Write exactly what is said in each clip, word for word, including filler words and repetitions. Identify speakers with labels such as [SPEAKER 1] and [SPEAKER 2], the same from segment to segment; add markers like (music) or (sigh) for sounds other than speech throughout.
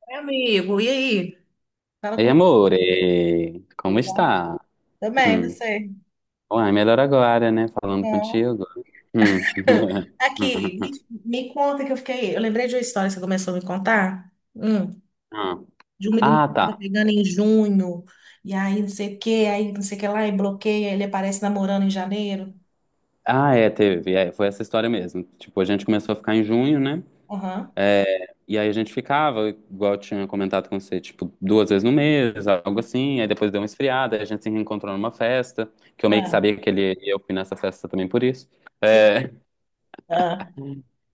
[SPEAKER 1] Oi, amigo, e aí? Fala
[SPEAKER 2] Ei,
[SPEAKER 1] comigo,
[SPEAKER 2] amore, como
[SPEAKER 1] tudo bom?
[SPEAKER 2] está?
[SPEAKER 1] Também,
[SPEAKER 2] Hum.
[SPEAKER 1] você?
[SPEAKER 2] Uai, melhor agora, né?
[SPEAKER 1] Que
[SPEAKER 2] Falando
[SPEAKER 1] bom.
[SPEAKER 2] contigo. Hum.
[SPEAKER 1] (laughs) Aqui, me,
[SPEAKER 2] (laughs)
[SPEAKER 1] me conta que eu fiquei. Eu lembrei de uma história que você começou a me contar. Hum, de um menino
[SPEAKER 2] Ah,
[SPEAKER 1] que
[SPEAKER 2] tá.
[SPEAKER 1] estava pegando em junho, e aí não sei o que, aí não sei o que lá, e bloqueia, ele aparece namorando em janeiro.
[SPEAKER 2] Ah, é, teve. É, foi essa história mesmo. Tipo, a gente começou a ficar em junho, né?
[SPEAKER 1] Aham.
[SPEAKER 2] E aí a gente ficava, igual eu tinha comentado com você, tipo, duas vezes no mês, algo assim. Aí depois deu uma esfriada, aí a gente se reencontrou numa festa, que eu meio que
[SPEAKER 1] Ah,
[SPEAKER 2] sabia que ele e eu fui nessa festa também por isso.
[SPEAKER 1] sim.
[SPEAKER 2] É,
[SPEAKER 1] Ah.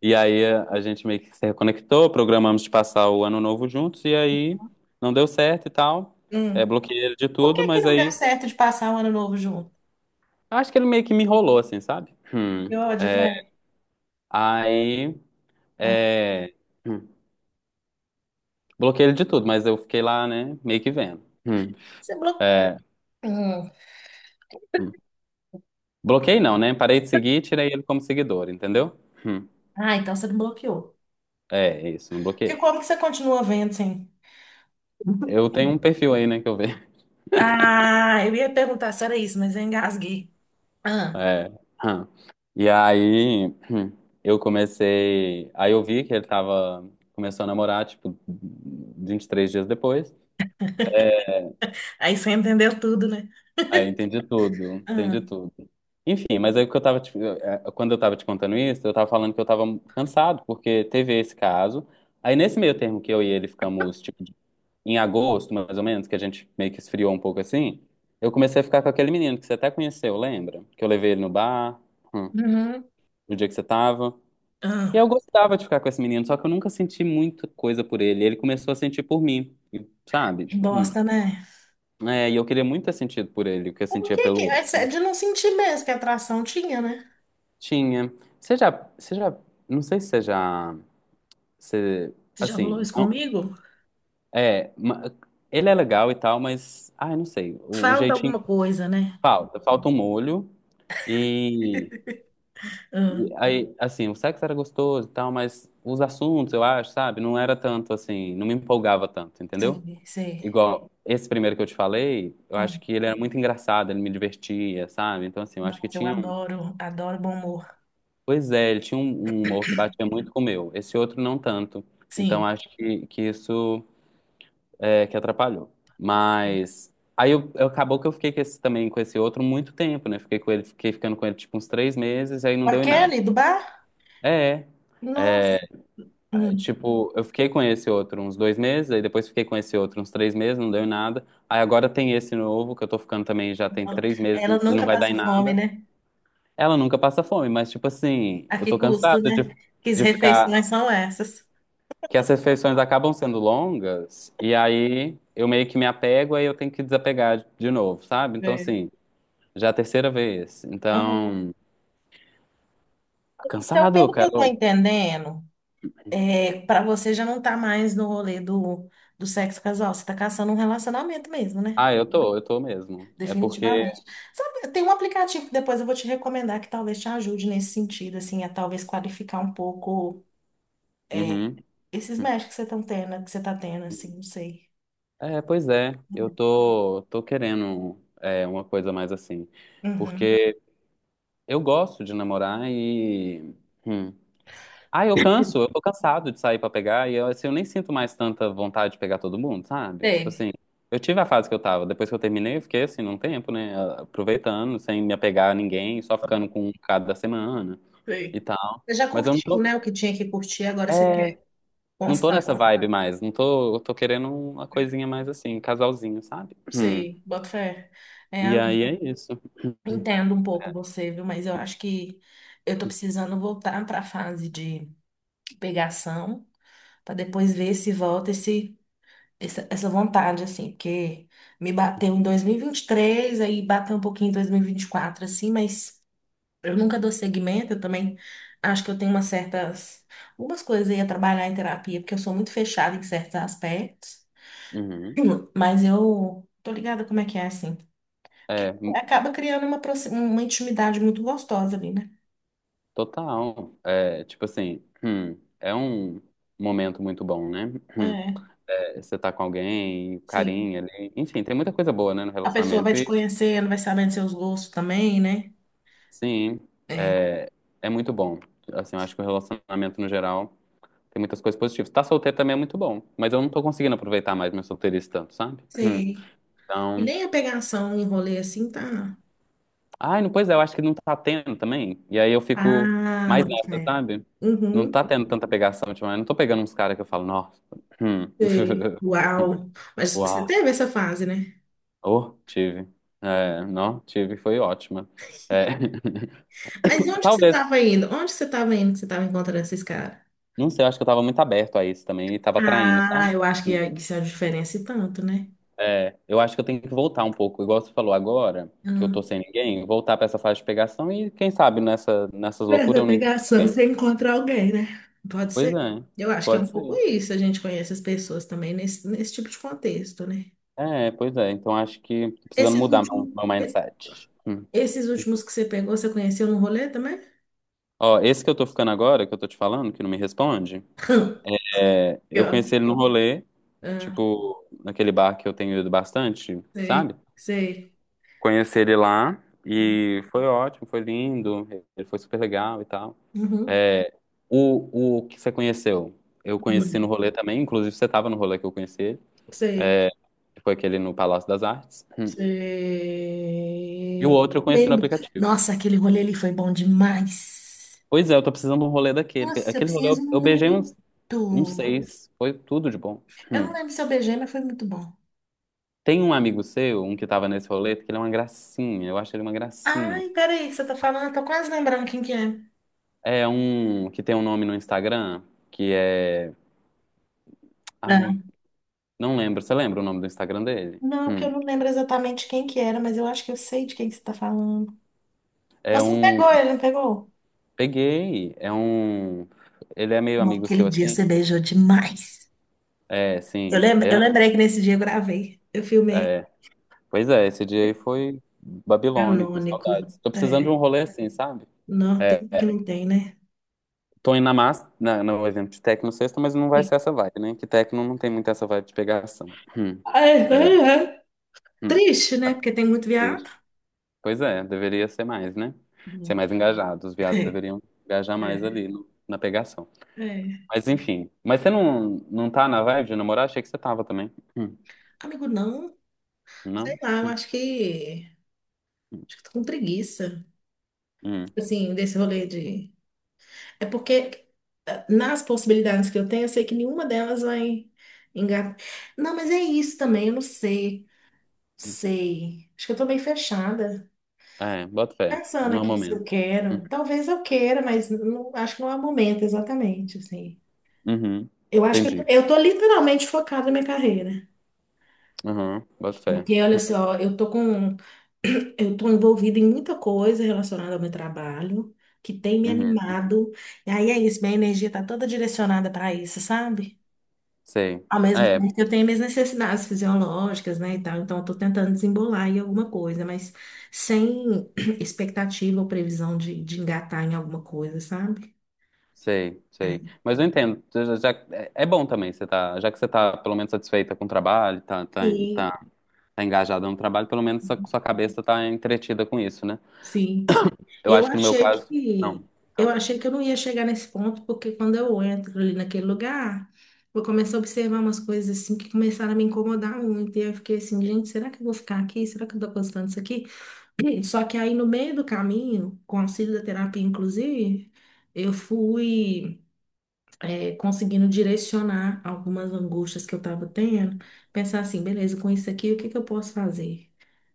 [SPEAKER 2] e aí a gente meio que se reconectou, programamos de passar o ano novo juntos, e aí não deu certo e tal. É,
[SPEAKER 1] Hum.
[SPEAKER 2] bloqueei ele de
[SPEAKER 1] Por
[SPEAKER 2] tudo,
[SPEAKER 1] que que
[SPEAKER 2] mas
[SPEAKER 1] não deu
[SPEAKER 2] aí
[SPEAKER 1] certo de passar o ano novo junto?
[SPEAKER 2] acho que ele meio que me enrolou, assim, sabe? Hum.
[SPEAKER 1] Que ódio, velho.
[SPEAKER 2] Aí
[SPEAKER 1] Ah.
[SPEAKER 2] é, hum, bloqueei ele de tudo, mas eu fiquei lá, né, meio que vendo. Hum.
[SPEAKER 1] Você
[SPEAKER 2] É,
[SPEAKER 1] bloqueou.
[SPEAKER 2] hum. Bloqueei não, né? Parei de seguir e tirei ele como seguidor, entendeu? Hum.
[SPEAKER 1] Ah, então você não bloqueou.
[SPEAKER 2] É, isso, não
[SPEAKER 1] Porque
[SPEAKER 2] bloqueei.
[SPEAKER 1] como que você continua vendo, assim?
[SPEAKER 2] Eu tenho um perfil aí, né, que eu vejo.
[SPEAKER 1] Ah, eu ia perguntar se era isso, mas eu engasguei. Ah,
[SPEAKER 2] É. Hum. E aí hum, eu comecei. Aí eu vi que ele tava. Começou a namorar, tipo, vinte e três dias depois.
[SPEAKER 1] aí você entendeu tudo, né?
[SPEAKER 2] Aí eu entendi tudo, entendi
[SPEAKER 1] Ah.
[SPEAKER 2] tudo. Enfim, mas aí o que eu tava. te- eh, Quando eu tava te contando isso, eu tava falando que eu tava cansado, porque teve esse caso. Aí nesse meio termo que eu e ele ficamos, tipo, de- em agosto, mais ou menos, que a gente meio que esfriou um pouco assim, eu comecei a ficar com aquele menino que você até conheceu, lembra? Que eu levei ele no bar, hum,
[SPEAKER 1] Uhum.
[SPEAKER 2] no dia que você tava. E
[SPEAKER 1] Ah,
[SPEAKER 2] eu gostava de ficar com esse menino, só que eu nunca senti muita coisa por ele. Ele começou a sentir por mim, e- sabe?
[SPEAKER 1] que
[SPEAKER 2] Hum.
[SPEAKER 1] bosta, né?
[SPEAKER 2] É, e eu queria muito ter sentido por ele, o que eu
[SPEAKER 1] Por
[SPEAKER 2] sentia
[SPEAKER 1] que
[SPEAKER 2] pelo
[SPEAKER 1] que... É
[SPEAKER 2] outro.
[SPEAKER 1] de não sentir mesmo que a atração tinha, né?
[SPEAKER 2] Tinha. Você já, você já, não sei se você já, você,
[SPEAKER 1] Você já rolou
[SPEAKER 2] assim,
[SPEAKER 1] isso
[SPEAKER 2] não-
[SPEAKER 1] comigo?
[SPEAKER 2] é, ma- ele é legal e tal, mas, ai, não sei, o, o,
[SPEAKER 1] Falta
[SPEAKER 2] jeitinho
[SPEAKER 1] alguma coisa, né?
[SPEAKER 2] falta, falta um molho e,
[SPEAKER 1] Ah,
[SPEAKER 2] e aí, assim, o sexo era gostoso e tal, mas os assuntos, eu acho, sabe, não era tanto assim, não me empolgava tanto, entendeu?
[SPEAKER 1] sei, sei.
[SPEAKER 2] Igual esse primeiro que eu te falei, eu
[SPEAKER 1] Ah,
[SPEAKER 2] acho que ele era muito engraçado, ele me divertia, sabe? Então, assim, eu acho que
[SPEAKER 1] nossa, eu
[SPEAKER 2] tinha um.
[SPEAKER 1] adoro, adoro bom humor.
[SPEAKER 2] Pois é, ele tinha um, um, humor que batia muito com o meu. Esse outro não tanto. Então,
[SPEAKER 1] Sim.
[SPEAKER 2] acho que, que isso é que atrapalhou. Mas. Aí eu, eu- acabou que eu fiquei com esse, também com esse outro muito tempo, né? Fiquei com ele, fiquei ficando com ele tipo uns três meses, aí não
[SPEAKER 1] Com a
[SPEAKER 2] deu em nada.
[SPEAKER 1] Kelly do bar?
[SPEAKER 2] É,
[SPEAKER 1] Nossa, Hum,
[SPEAKER 2] tipo, eu fiquei com esse outro uns dois meses, aí depois fiquei com esse outro uns três meses, não deu em nada. Aí agora tem esse novo, que eu tô ficando também já tem
[SPEAKER 1] não.
[SPEAKER 2] três meses
[SPEAKER 1] Ela
[SPEAKER 2] e não
[SPEAKER 1] nunca
[SPEAKER 2] vai dar
[SPEAKER 1] passa
[SPEAKER 2] em
[SPEAKER 1] fome,
[SPEAKER 2] nada.
[SPEAKER 1] né?
[SPEAKER 2] Ela nunca passa fome, mas tipo assim,
[SPEAKER 1] A
[SPEAKER 2] eu tô
[SPEAKER 1] que
[SPEAKER 2] cansado
[SPEAKER 1] custo,
[SPEAKER 2] de,
[SPEAKER 1] né? Que as
[SPEAKER 2] de ficar.
[SPEAKER 1] refeições são essas.
[SPEAKER 2] Que as refeições acabam sendo longas, e aí eu meio que me apego, aí eu tenho que desapegar de, de novo, sabe? Então,
[SPEAKER 1] É.
[SPEAKER 2] assim, já é a terceira vez. Então,
[SPEAKER 1] Então,
[SPEAKER 2] cansado,
[SPEAKER 1] pelo que
[SPEAKER 2] cara.
[SPEAKER 1] eu tô entendendo, é, para você já não tá mais no rolê do, do sexo casual, você tá caçando um relacionamento mesmo, né?
[SPEAKER 2] Ah, eu tô, eu tô mesmo. É porque.
[SPEAKER 1] Definitivamente. Sabe, tem um aplicativo que depois eu vou te recomendar que talvez te ajude nesse sentido, assim, a talvez qualificar um pouco, é,
[SPEAKER 2] Uhum.
[SPEAKER 1] esses matches que você tá tendo, que você tá tendo, assim, não sei.
[SPEAKER 2] É, pois é, eu tô, tô querendo é, uma coisa mais assim,
[SPEAKER 1] Uhum.
[SPEAKER 2] porque eu gosto de namorar e... hum. Ah, eu canso, eu tô cansado de sair pra pegar e eu, assim, eu nem sinto mais tanta vontade de pegar todo mundo, sabe? Tipo
[SPEAKER 1] Sei,
[SPEAKER 2] assim, eu tive a fase que eu tava, depois que eu terminei eu fiquei assim, num tempo, né, aproveitando, sem me apegar a ninguém, só ficando com um cada semana e
[SPEAKER 1] sei.
[SPEAKER 2] tal,
[SPEAKER 1] Você já
[SPEAKER 2] mas eu não
[SPEAKER 1] curtiu,
[SPEAKER 2] tô,
[SPEAKER 1] né, o que tinha que curtir, agora você quer
[SPEAKER 2] é, não tô nessa
[SPEAKER 1] constância.
[SPEAKER 2] vibe mais, não tô, eu tô querendo uma coisinha mais assim, um casalzinho, sabe? Hum.
[SPEAKER 1] Sei, boto fé. É,
[SPEAKER 2] E aí é isso.
[SPEAKER 1] entendo um pouco você, viu? Mas eu acho que eu tô precisando voltar para a fase de pegação, para depois ver se volta esse, essa, essa vontade, assim, porque me bateu em dois mil e vinte e três, aí bateu um pouquinho em dois mil e vinte e quatro, assim, mas eu nunca dou seguimento, eu também acho que eu tenho umas certas, algumas coisas aí a trabalhar em terapia, porque eu sou muito fechada em certos aspectos,
[SPEAKER 2] Uhum.
[SPEAKER 1] (clears throat) mas eu tô ligada como é que é, assim.
[SPEAKER 2] É,
[SPEAKER 1] Porque
[SPEAKER 2] hum,
[SPEAKER 1] acaba criando uma, proxi- uma intimidade muito gostosa ali, né?
[SPEAKER 2] total. É, tipo assim, hum, é um momento muito bom, né? Hum.
[SPEAKER 1] É,
[SPEAKER 2] É, você tá com alguém,
[SPEAKER 1] sim.
[SPEAKER 2] carinho ali. Enfim, tem muita coisa boa, né, no
[SPEAKER 1] A pessoa vai
[SPEAKER 2] relacionamento.
[SPEAKER 1] te
[SPEAKER 2] E
[SPEAKER 1] conhecendo, vai sabendo seus gostos também, né?
[SPEAKER 2] sim,
[SPEAKER 1] É,
[SPEAKER 2] é, é muito bom. Assim, eu acho que o relacionamento no geral tem muitas coisas positivas. Tá solteiro também é muito bom, mas eu não tô conseguindo aproveitar mais meu solteirice tanto, sabe? Hum.
[SPEAKER 1] sim. E
[SPEAKER 2] Então.
[SPEAKER 1] nem a pegação em rolê assim tá.
[SPEAKER 2] Ai, não, pois é, eu acho que não tá tendo também. E aí eu fico
[SPEAKER 1] Ah,
[SPEAKER 2] mais nessa,
[SPEAKER 1] é.
[SPEAKER 2] sabe? Não
[SPEAKER 1] Uhum.
[SPEAKER 2] tá tendo tanta pegação ultimamente. Não tô pegando uns caras que eu falo, nossa. hum,
[SPEAKER 1] Sei.
[SPEAKER 2] (laughs)
[SPEAKER 1] Uau. Mas você
[SPEAKER 2] Uau.
[SPEAKER 1] teve essa fase, né?
[SPEAKER 2] Oh, tive. É, não, tive, foi ótima. É,
[SPEAKER 1] Mas
[SPEAKER 2] (laughs)
[SPEAKER 1] onde que você
[SPEAKER 2] Talvez.
[SPEAKER 1] tava indo? Onde que você tava indo que você tava encontrando esses caras?
[SPEAKER 2] Não sei, eu acho que eu tava muito aberto a isso também e tava traindo,
[SPEAKER 1] Ah,
[SPEAKER 2] sabe?
[SPEAKER 1] eu acho que é- isso é a diferença e tanto, né?
[SPEAKER 2] É, eu acho que eu tenho que voltar um pouco, igual você falou agora, que eu
[SPEAKER 1] Ah.
[SPEAKER 2] tô sem ninguém, voltar pra essa fase de pegação e quem sabe nessa, nessas loucuras
[SPEAKER 1] Nessa
[SPEAKER 2] eu não encontro
[SPEAKER 1] pegação,
[SPEAKER 2] alguém.
[SPEAKER 1] você encontra alguém, né? Pode
[SPEAKER 2] Pois
[SPEAKER 1] ser.
[SPEAKER 2] é,
[SPEAKER 1] Eu acho que é um
[SPEAKER 2] pode
[SPEAKER 1] pouco
[SPEAKER 2] ser.
[SPEAKER 1] isso, a gente conhece as pessoas também nesse, nesse tipo de contexto, né?
[SPEAKER 2] É, pois é. Então acho que tô precisando
[SPEAKER 1] Esses
[SPEAKER 2] mudar meu,
[SPEAKER 1] últimos,
[SPEAKER 2] meu mindset. Hum.
[SPEAKER 1] esses últimos que você pegou, você conheceu no rolê também?
[SPEAKER 2] Ó, esse que eu tô ficando agora, que eu tô te falando, que não me responde,
[SPEAKER 1] (laughs)
[SPEAKER 2] é, eu
[SPEAKER 1] Pior.
[SPEAKER 2] conheci ele no rolê,
[SPEAKER 1] Ah,
[SPEAKER 2] tipo, naquele bar que eu tenho ido bastante,
[SPEAKER 1] sei,
[SPEAKER 2] sabe?
[SPEAKER 1] sei.
[SPEAKER 2] Conheci ele lá e foi ótimo, foi lindo, ele foi super legal e tal.
[SPEAKER 1] Uhum.
[SPEAKER 2] O, o que você conheceu? Eu conheci no
[SPEAKER 1] Uhum.
[SPEAKER 2] rolê também, inclusive você tava no rolê que eu conheci ele,
[SPEAKER 1] Sei,
[SPEAKER 2] que foi aquele no Palácio das Artes. Hum. E o
[SPEAKER 1] sei.
[SPEAKER 2] outro eu conheci no
[SPEAKER 1] Lembro.
[SPEAKER 2] aplicativo.
[SPEAKER 1] Nossa, aquele rolê ali foi bom demais.
[SPEAKER 2] Pois é, eu tô precisando de um rolê daquele.
[SPEAKER 1] Nossa, eu
[SPEAKER 2] Aquele rolê
[SPEAKER 1] preciso
[SPEAKER 2] eu, eu beijei
[SPEAKER 1] muito.
[SPEAKER 2] uns um seis. Foi tudo de bom.
[SPEAKER 1] Eu não
[SPEAKER 2] Hum.
[SPEAKER 1] lembro se eu beijei, mas foi muito bom.
[SPEAKER 2] Tem um amigo seu, um que tava nesse rolê, que ele é uma gracinha. Eu acho ele uma gracinha.
[SPEAKER 1] Ai, peraí, que você tá falando? Eu tô quase lembrando quem que é.
[SPEAKER 2] É um que tem um nome no Instagram, que é.
[SPEAKER 1] Ah.
[SPEAKER 2] Ai, não lembro. Você lembra o nome do Instagram dele?
[SPEAKER 1] Não, porque
[SPEAKER 2] Hum.
[SPEAKER 1] eu não lembro exatamente quem que era, mas eu acho que eu sei de quem que você tá falando.
[SPEAKER 2] É
[SPEAKER 1] Você
[SPEAKER 2] um.
[SPEAKER 1] pegou, ele não pegou?
[SPEAKER 2] Peguei. É um. Ele é meio amigo
[SPEAKER 1] Naquele
[SPEAKER 2] seu
[SPEAKER 1] dia
[SPEAKER 2] assim?
[SPEAKER 1] você beijou demais.
[SPEAKER 2] É,
[SPEAKER 1] Eu,
[SPEAKER 2] sim.
[SPEAKER 1] lem-
[SPEAKER 2] É,
[SPEAKER 1] eu lembrei que nesse dia eu gravei. Eu filmei
[SPEAKER 2] é. Pois é, esse dia aí foi babilônico,
[SPEAKER 1] canônico.
[SPEAKER 2] saudades. Tô precisando de
[SPEAKER 1] É.
[SPEAKER 2] um rolê assim, sabe?
[SPEAKER 1] Não,
[SPEAKER 2] É.
[SPEAKER 1] tem que não tem, né?
[SPEAKER 2] Tô indo na massa, na, no evento de techno sexta, mas não vai ser essa vibe, né? Que techno não tem muito essa vibe de pegação. Hum,
[SPEAKER 1] Ai, ai,
[SPEAKER 2] é,
[SPEAKER 1] ai.
[SPEAKER 2] hum,
[SPEAKER 1] Triste, né? Porque tem muito viado.
[SPEAKER 2] triste. Pois é, deveria ser mais, né? Ser
[SPEAKER 1] Hum.
[SPEAKER 2] mais engajado. Os viados
[SPEAKER 1] É,
[SPEAKER 2] deveriam engajar mais ali
[SPEAKER 1] é,
[SPEAKER 2] no- na pegação.
[SPEAKER 1] é.
[SPEAKER 2] Mas enfim. Mas você não, não tá na vibe de namorar? Achei que você tava também. Hum,
[SPEAKER 1] Amigo, não. Sei
[SPEAKER 2] não?
[SPEAKER 1] lá, eu
[SPEAKER 2] Hum,
[SPEAKER 1] acho que. Acho que tô com preguiça.
[SPEAKER 2] hum.
[SPEAKER 1] Assim, desse rolê de. É porque eh, nas possibilidades que eu tenho, eu sei que nenhuma delas vai engatar. Não, mas é isso também, eu não sei. Sei. Acho que eu tô bem fechada,
[SPEAKER 2] É, bota fé.
[SPEAKER 1] pensando
[SPEAKER 2] Não é o
[SPEAKER 1] aqui se eu
[SPEAKER 2] momento.
[SPEAKER 1] quero.
[SPEAKER 2] Hum,
[SPEAKER 1] Talvez eu queira, mas não, acho que não é o momento exatamente, assim.
[SPEAKER 2] uhum.
[SPEAKER 1] Eu acho que eu tô,
[SPEAKER 2] Entendi.
[SPEAKER 1] eu tô literalmente focada na minha carreira.
[SPEAKER 2] Uhum, boto fé.
[SPEAKER 1] Porque, olha só, eu tô com. (clears throat) Eu tô envolvida em muita coisa relacionada ao meu trabalho, que tem me
[SPEAKER 2] Uhum.
[SPEAKER 1] animado. E aí é isso, minha energia tá toda direcionada para isso, sabe?
[SPEAKER 2] Sei.
[SPEAKER 1] Ao mesmo
[SPEAKER 2] É,
[SPEAKER 1] tempo que eu tenho minhas necessidades fisiológicas, né, e tal. Então, eu tô tentando desembolar em alguma coisa, mas sem (clears throat) expectativa ou previsão de, de engatar em alguma coisa, sabe?
[SPEAKER 2] sei, sei. Mas eu entendo. Já, já- é é bom também você tá, já que você tá pelo menos satisfeita com o trabalho, tá, tá,
[SPEAKER 1] Sim,
[SPEAKER 2] tá, tá engajada no trabalho, pelo menos sua, sua cabeça tá entretida com isso, né?
[SPEAKER 1] sim. E
[SPEAKER 2] Eu
[SPEAKER 1] eu
[SPEAKER 2] acho que no meu
[SPEAKER 1] achei
[SPEAKER 2] caso, não.
[SPEAKER 1] que eu
[SPEAKER 2] Então,
[SPEAKER 1] achei que eu não ia chegar nesse ponto, porque quando eu entro ali naquele lugar, eu comecei a observar umas coisas assim que começaram a me incomodar muito. E eu fiquei assim, gente, será que eu vou ficar aqui? Será que eu tô gostando disso aqui? (clears throat) Só que aí no meio do caminho, com o auxílio da terapia, inclusive, eu fui. é, conseguindo direcionar algumas angústias que eu estava tendo, pensar assim, beleza, com isso aqui, o que que eu posso fazer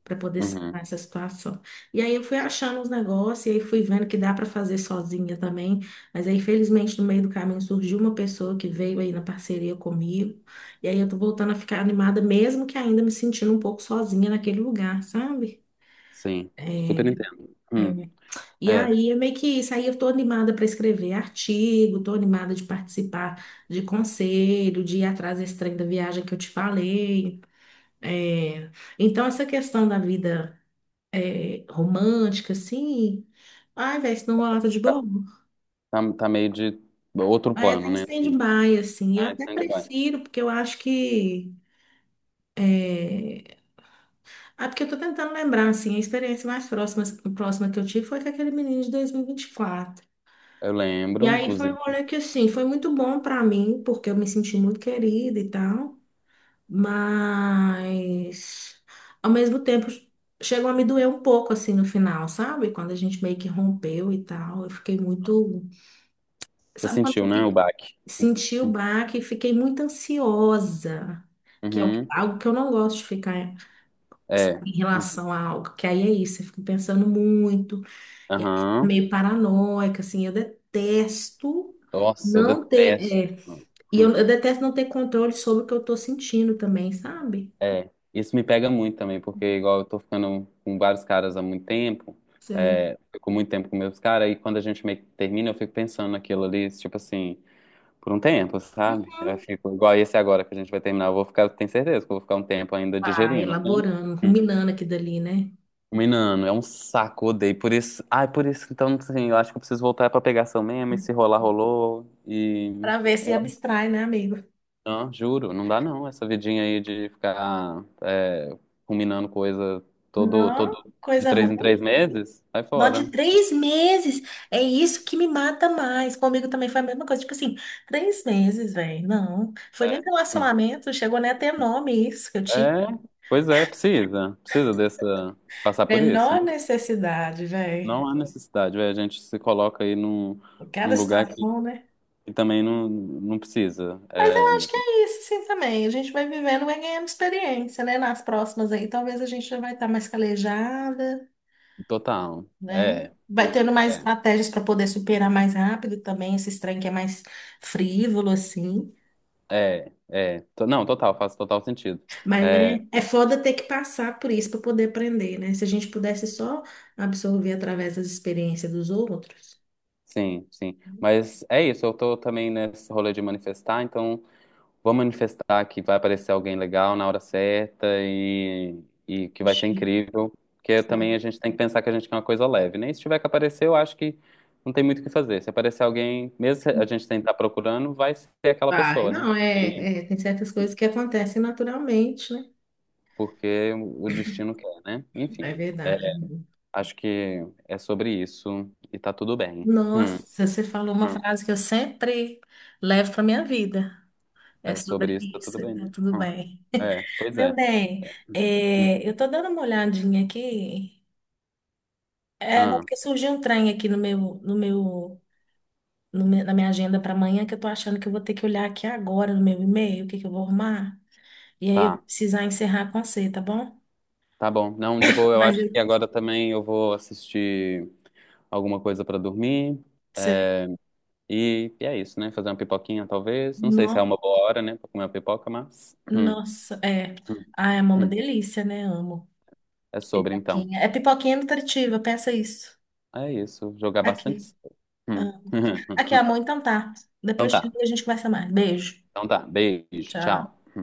[SPEAKER 1] para poder
[SPEAKER 2] uhum,
[SPEAKER 1] sanar essa situação? E aí eu fui achando os negócios, e aí fui vendo que dá para fazer sozinha também, mas aí felizmente no meio do caminho surgiu uma pessoa que veio aí na parceria comigo, e aí eu tô voltando a ficar animada, mesmo que ainda me sentindo um pouco sozinha naquele lugar, sabe?
[SPEAKER 2] sim, super
[SPEAKER 1] É,
[SPEAKER 2] entendo. Hum,
[SPEAKER 1] e
[SPEAKER 2] é,
[SPEAKER 1] aí é meio que isso. Aí eu tô animada para escrever artigo, tô animada de participar de conselho, de ir atrás desse trem da viagem que eu te falei. É, então, essa questão da vida é, romântica, assim. Ai, velho, isso não rola tá de bobo.
[SPEAKER 2] tá, tá meio de outro
[SPEAKER 1] É, tá
[SPEAKER 2] plano,
[SPEAKER 1] em
[SPEAKER 2] né? Assim,
[SPEAKER 1] stand-by, assim. Eu
[SPEAKER 2] ah, é
[SPEAKER 1] até
[SPEAKER 2] stand-by.
[SPEAKER 1] prefiro, porque eu acho que. É. Ah, porque eu tô tentando lembrar, assim, a experiência mais próxima, próxima que eu tive foi com aquele menino de dois mil e vinte e quatro.
[SPEAKER 2] Eu
[SPEAKER 1] E
[SPEAKER 2] lembro,
[SPEAKER 1] aí foi um
[SPEAKER 2] inclusive.
[SPEAKER 1] rolê que, assim, foi muito bom pra mim, porque eu me senti muito querida e tal, mas ao mesmo tempo chegou a me doer um pouco, assim, no final, sabe? Quando a gente meio que rompeu e tal, eu fiquei muito.
[SPEAKER 2] Você
[SPEAKER 1] Sabe quando você
[SPEAKER 2] sentiu, né, o
[SPEAKER 1] fi-
[SPEAKER 2] baque?
[SPEAKER 1] Senti o baque e fiquei muito ansiosa, que é o-
[SPEAKER 2] Uhum,
[SPEAKER 1] algo que eu não gosto de ficar
[SPEAKER 2] é.
[SPEAKER 1] sabe, em
[SPEAKER 2] Uhum.
[SPEAKER 1] relação a algo, que aí é isso, eu fico pensando muito, e aí fico
[SPEAKER 2] Aham.
[SPEAKER 1] meio paranoica, assim, eu detesto.
[SPEAKER 2] Nossa, eu
[SPEAKER 1] Não ter,
[SPEAKER 2] detesto.
[SPEAKER 1] é,
[SPEAKER 2] Hum,
[SPEAKER 1] E eu,
[SPEAKER 2] hum.
[SPEAKER 1] eu detesto não ter controle sobre o que eu tô sentindo também, sabe?
[SPEAKER 2] É, isso me pega muito também, porque igual eu tô ficando com vários caras há muito tempo,
[SPEAKER 1] Sei.
[SPEAKER 2] é, fico muito tempo com meus caras, e quando a gente meio que termina, eu fico pensando naquilo ali, tipo assim, por um tempo, sabe? Eu
[SPEAKER 1] Uhum.
[SPEAKER 2] fico igual esse agora que a gente vai terminar, eu vou ficar, tenho certeza que eu vou ficar um tempo ainda
[SPEAKER 1] Ah,
[SPEAKER 2] digerindo, né? Hum.
[SPEAKER 1] elaborando, ruminando aqui dali, né?
[SPEAKER 2] Menino, é um saco, odeio. Por isso, ai, por isso, então, assim, eu acho que eu preciso voltar pra pegação mesmo, e se rolar, rolou, e...
[SPEAKER 1] Pra ver se abstrai, né, amigo?
[SPEAKER 2] Não, juro, não dá não. Essa vidinha aí de ficar é, combinando coisa todo,
[SPEAKER 1] Não,
[SPEAKER 2] todo de
[SPEAKER 1] coisa
[SPEAKER 2] três em
[SPEAKER 1] ruim.
[SPEAKER 2] três meses, sai
[SPEAKER 1] Nó
[SPEAKER 2] fora.
[SPEAKER 1] de três meses. É isso que me mata mais. Comigo também foi a mesma coisa. Tipo assim, três meses, velho. Não. Foi nem
[SPEAKER 2] É. Hum.
[SPEAKER 1] relacionamento, chegou nem a ter nome isso que eu
[SPEAKER 2] É,
[SPEAKER 1] tive.
[SPEAKER 2] pois é, precisa. Precisa dessa. Passar por isso.
[SPEAKER 1] Menor
[SPEAKER 2] Não,
[SPEAKER 1] necessidade, velho.
[SPEAKER 2] não há necessidade, velho. A gente se coloca aí num, num
[SPEAKER 1] Cada
[SPEAKER 2] lugar que,
[SPEAKER 1] situação, né?
[SPEAKER 2] que também não, não precisa.
[SPEAKER 1] Mas
[SPEAKER 2] É,
[SPEAKER 1] eu acho que é isso, sim, também. A gente vai vivendo, vai ganhando experiência, né? Nas próximas aí, talvez a gente já vai estar mais calejada,
[SPEAKER 2] total.
[SPEAKER 1] né?
[SPEAKER 2] É.
[SPEAKER 1] Vai
[SPEAKER 2] Hum.
[SPEAKER 1] tendo mais
[SPEAKER 2] É,
[SPEAKER 1] estratégias para poder superar mais rápido também esse trem que é mais frívolo, assim.
[SPEAKER 2] é, é. To- Não, total, faz total sentido.
[SPEAKER 1] Mas,
[SPEAKER 2] É,
[SPEAKER 1] né? É foda ter que passar por isso para poder aprender, né? Se a gente pudesse só absorver através das experiências dos outros.
[SPEAKER 2] sim, sim. Mas é isso, eu tô também nesse rolê de manifestar, então vou manifestar que vai aparecer alguém legal na hora certa e, e que vai ser
[SPEAKER 1] Oxi,
[SPEAKER 2] incrível. Porque também
[SPEAKER 1] sim.
[SPEAKER 2] a gente tem que pensar que a gente quer uma coisa leve, né? E se tiver que aparecer, eu acho que não tem muito o que fazer. Se aparecer alguém, mesmo se a gente tentar procurando, vai ser aquela
[SPEAKER 1] Vai,
[SPEAKER 2] pessoa, né?
[SPEAKER 1] não,
[SPEAKER 2] E-
[SPEAKER 1] é, é, tem certas coisas que acontecem naturalmente, né?
[SPEAKER 2] porque o destino quer, né?
[SPEAKER 1] É
[SPEAKER 2] Enfim, é,
[SPEAKER 1] verdade.
[SPEAKER 2] acho que é sobre isso e tá tudo bem. Hum,
[SPEAKER 1] Nossa, você falou uma
[SPEAKER 2] hum.
[SPEAKER 1] frase que eu sempre levo para minha vida. É
[SPEAKER 2] É
[SPEAKER 1] sobre
[SPEAKER 2] sobre isso, tá
[SPEAKER 1] isso,
[SPEAKER 2] tudo bem, né?
[SPEAKER 1] tá tudo
[SPEAKER 2] Hum.
[SPEAKER 1] bem.
[SPEAKER 2] É, pois
[SPEAKER 1] Meu
[SPEAKER 2] é.
[SPEAKER 1] bem,
[SPEAKER 2] É. Hum.
[SPEAKER 1] é, eu tô dando uma olhadinha aqui. É, não,
[SPEAKER 2] Ah,
[SPEAKER 1] porque surgiu um trem aqui no meu, no meu, no meu- na minha agenda para amanhã que eu tô achando que eu vou ter que olhar aqui agora no meu e-mail, o que que eu vou arrumar. E aí eu vou
[SPEAKER 2] tá.
[SPEAKER 1] precisar encerrar com você, tá bom?
[SPEAKER 2] Tá bom. Não, de boa, eu
[SPEAKER 1] Mas
[SPEAKER 2] acho
[SPEAKER 1] eu
[SPEAKER 2] que agora também eu vou assistir alguma coisa pra dormir. eh,
[SPEAKER 1] sei.
[SPEAKER 2] E, e é isso, né? Fazer uma pipoquinha, talvez. Não sei se é
[SPEAKER 1] No,
[SPEAKER 2] uma boa hora, né, pra comer uma pipoca, mas. Hum.
[SPEAKER 1] nossa, é.
[SPEAKER 2] Hum.
[SPEAKER 1] Ah, é uma
[SPEAKER 2] Hum.
[SPEAKER 1] delícia, né? Amo.
[SPEAKER 2] É sobre, então.
[SPEAKER 1] Pipoquinha. É pipoquinha nutritiva, pensa isso.
[SPEAKER 2] É isso. Jogar
[SPEAKER 1] Aqui.
[SPEAKER 2] bastante. Hum.
[SPEAKER 1] Ah, aqui, amor,
[SPEAKER 2] (laughs)
[SPEAKER 1] então tá.
[SPEAKER 2] Então
[SPEAKER 1] Depois
[SPEAKER 2] tá.
[SPEAKER 1] a gente conversa mais. Beijo.
[SPEAKER 2] Então tá. Beijo.
[SPEAKER 1] Tchau.
[SPEAKER 2] Tchau.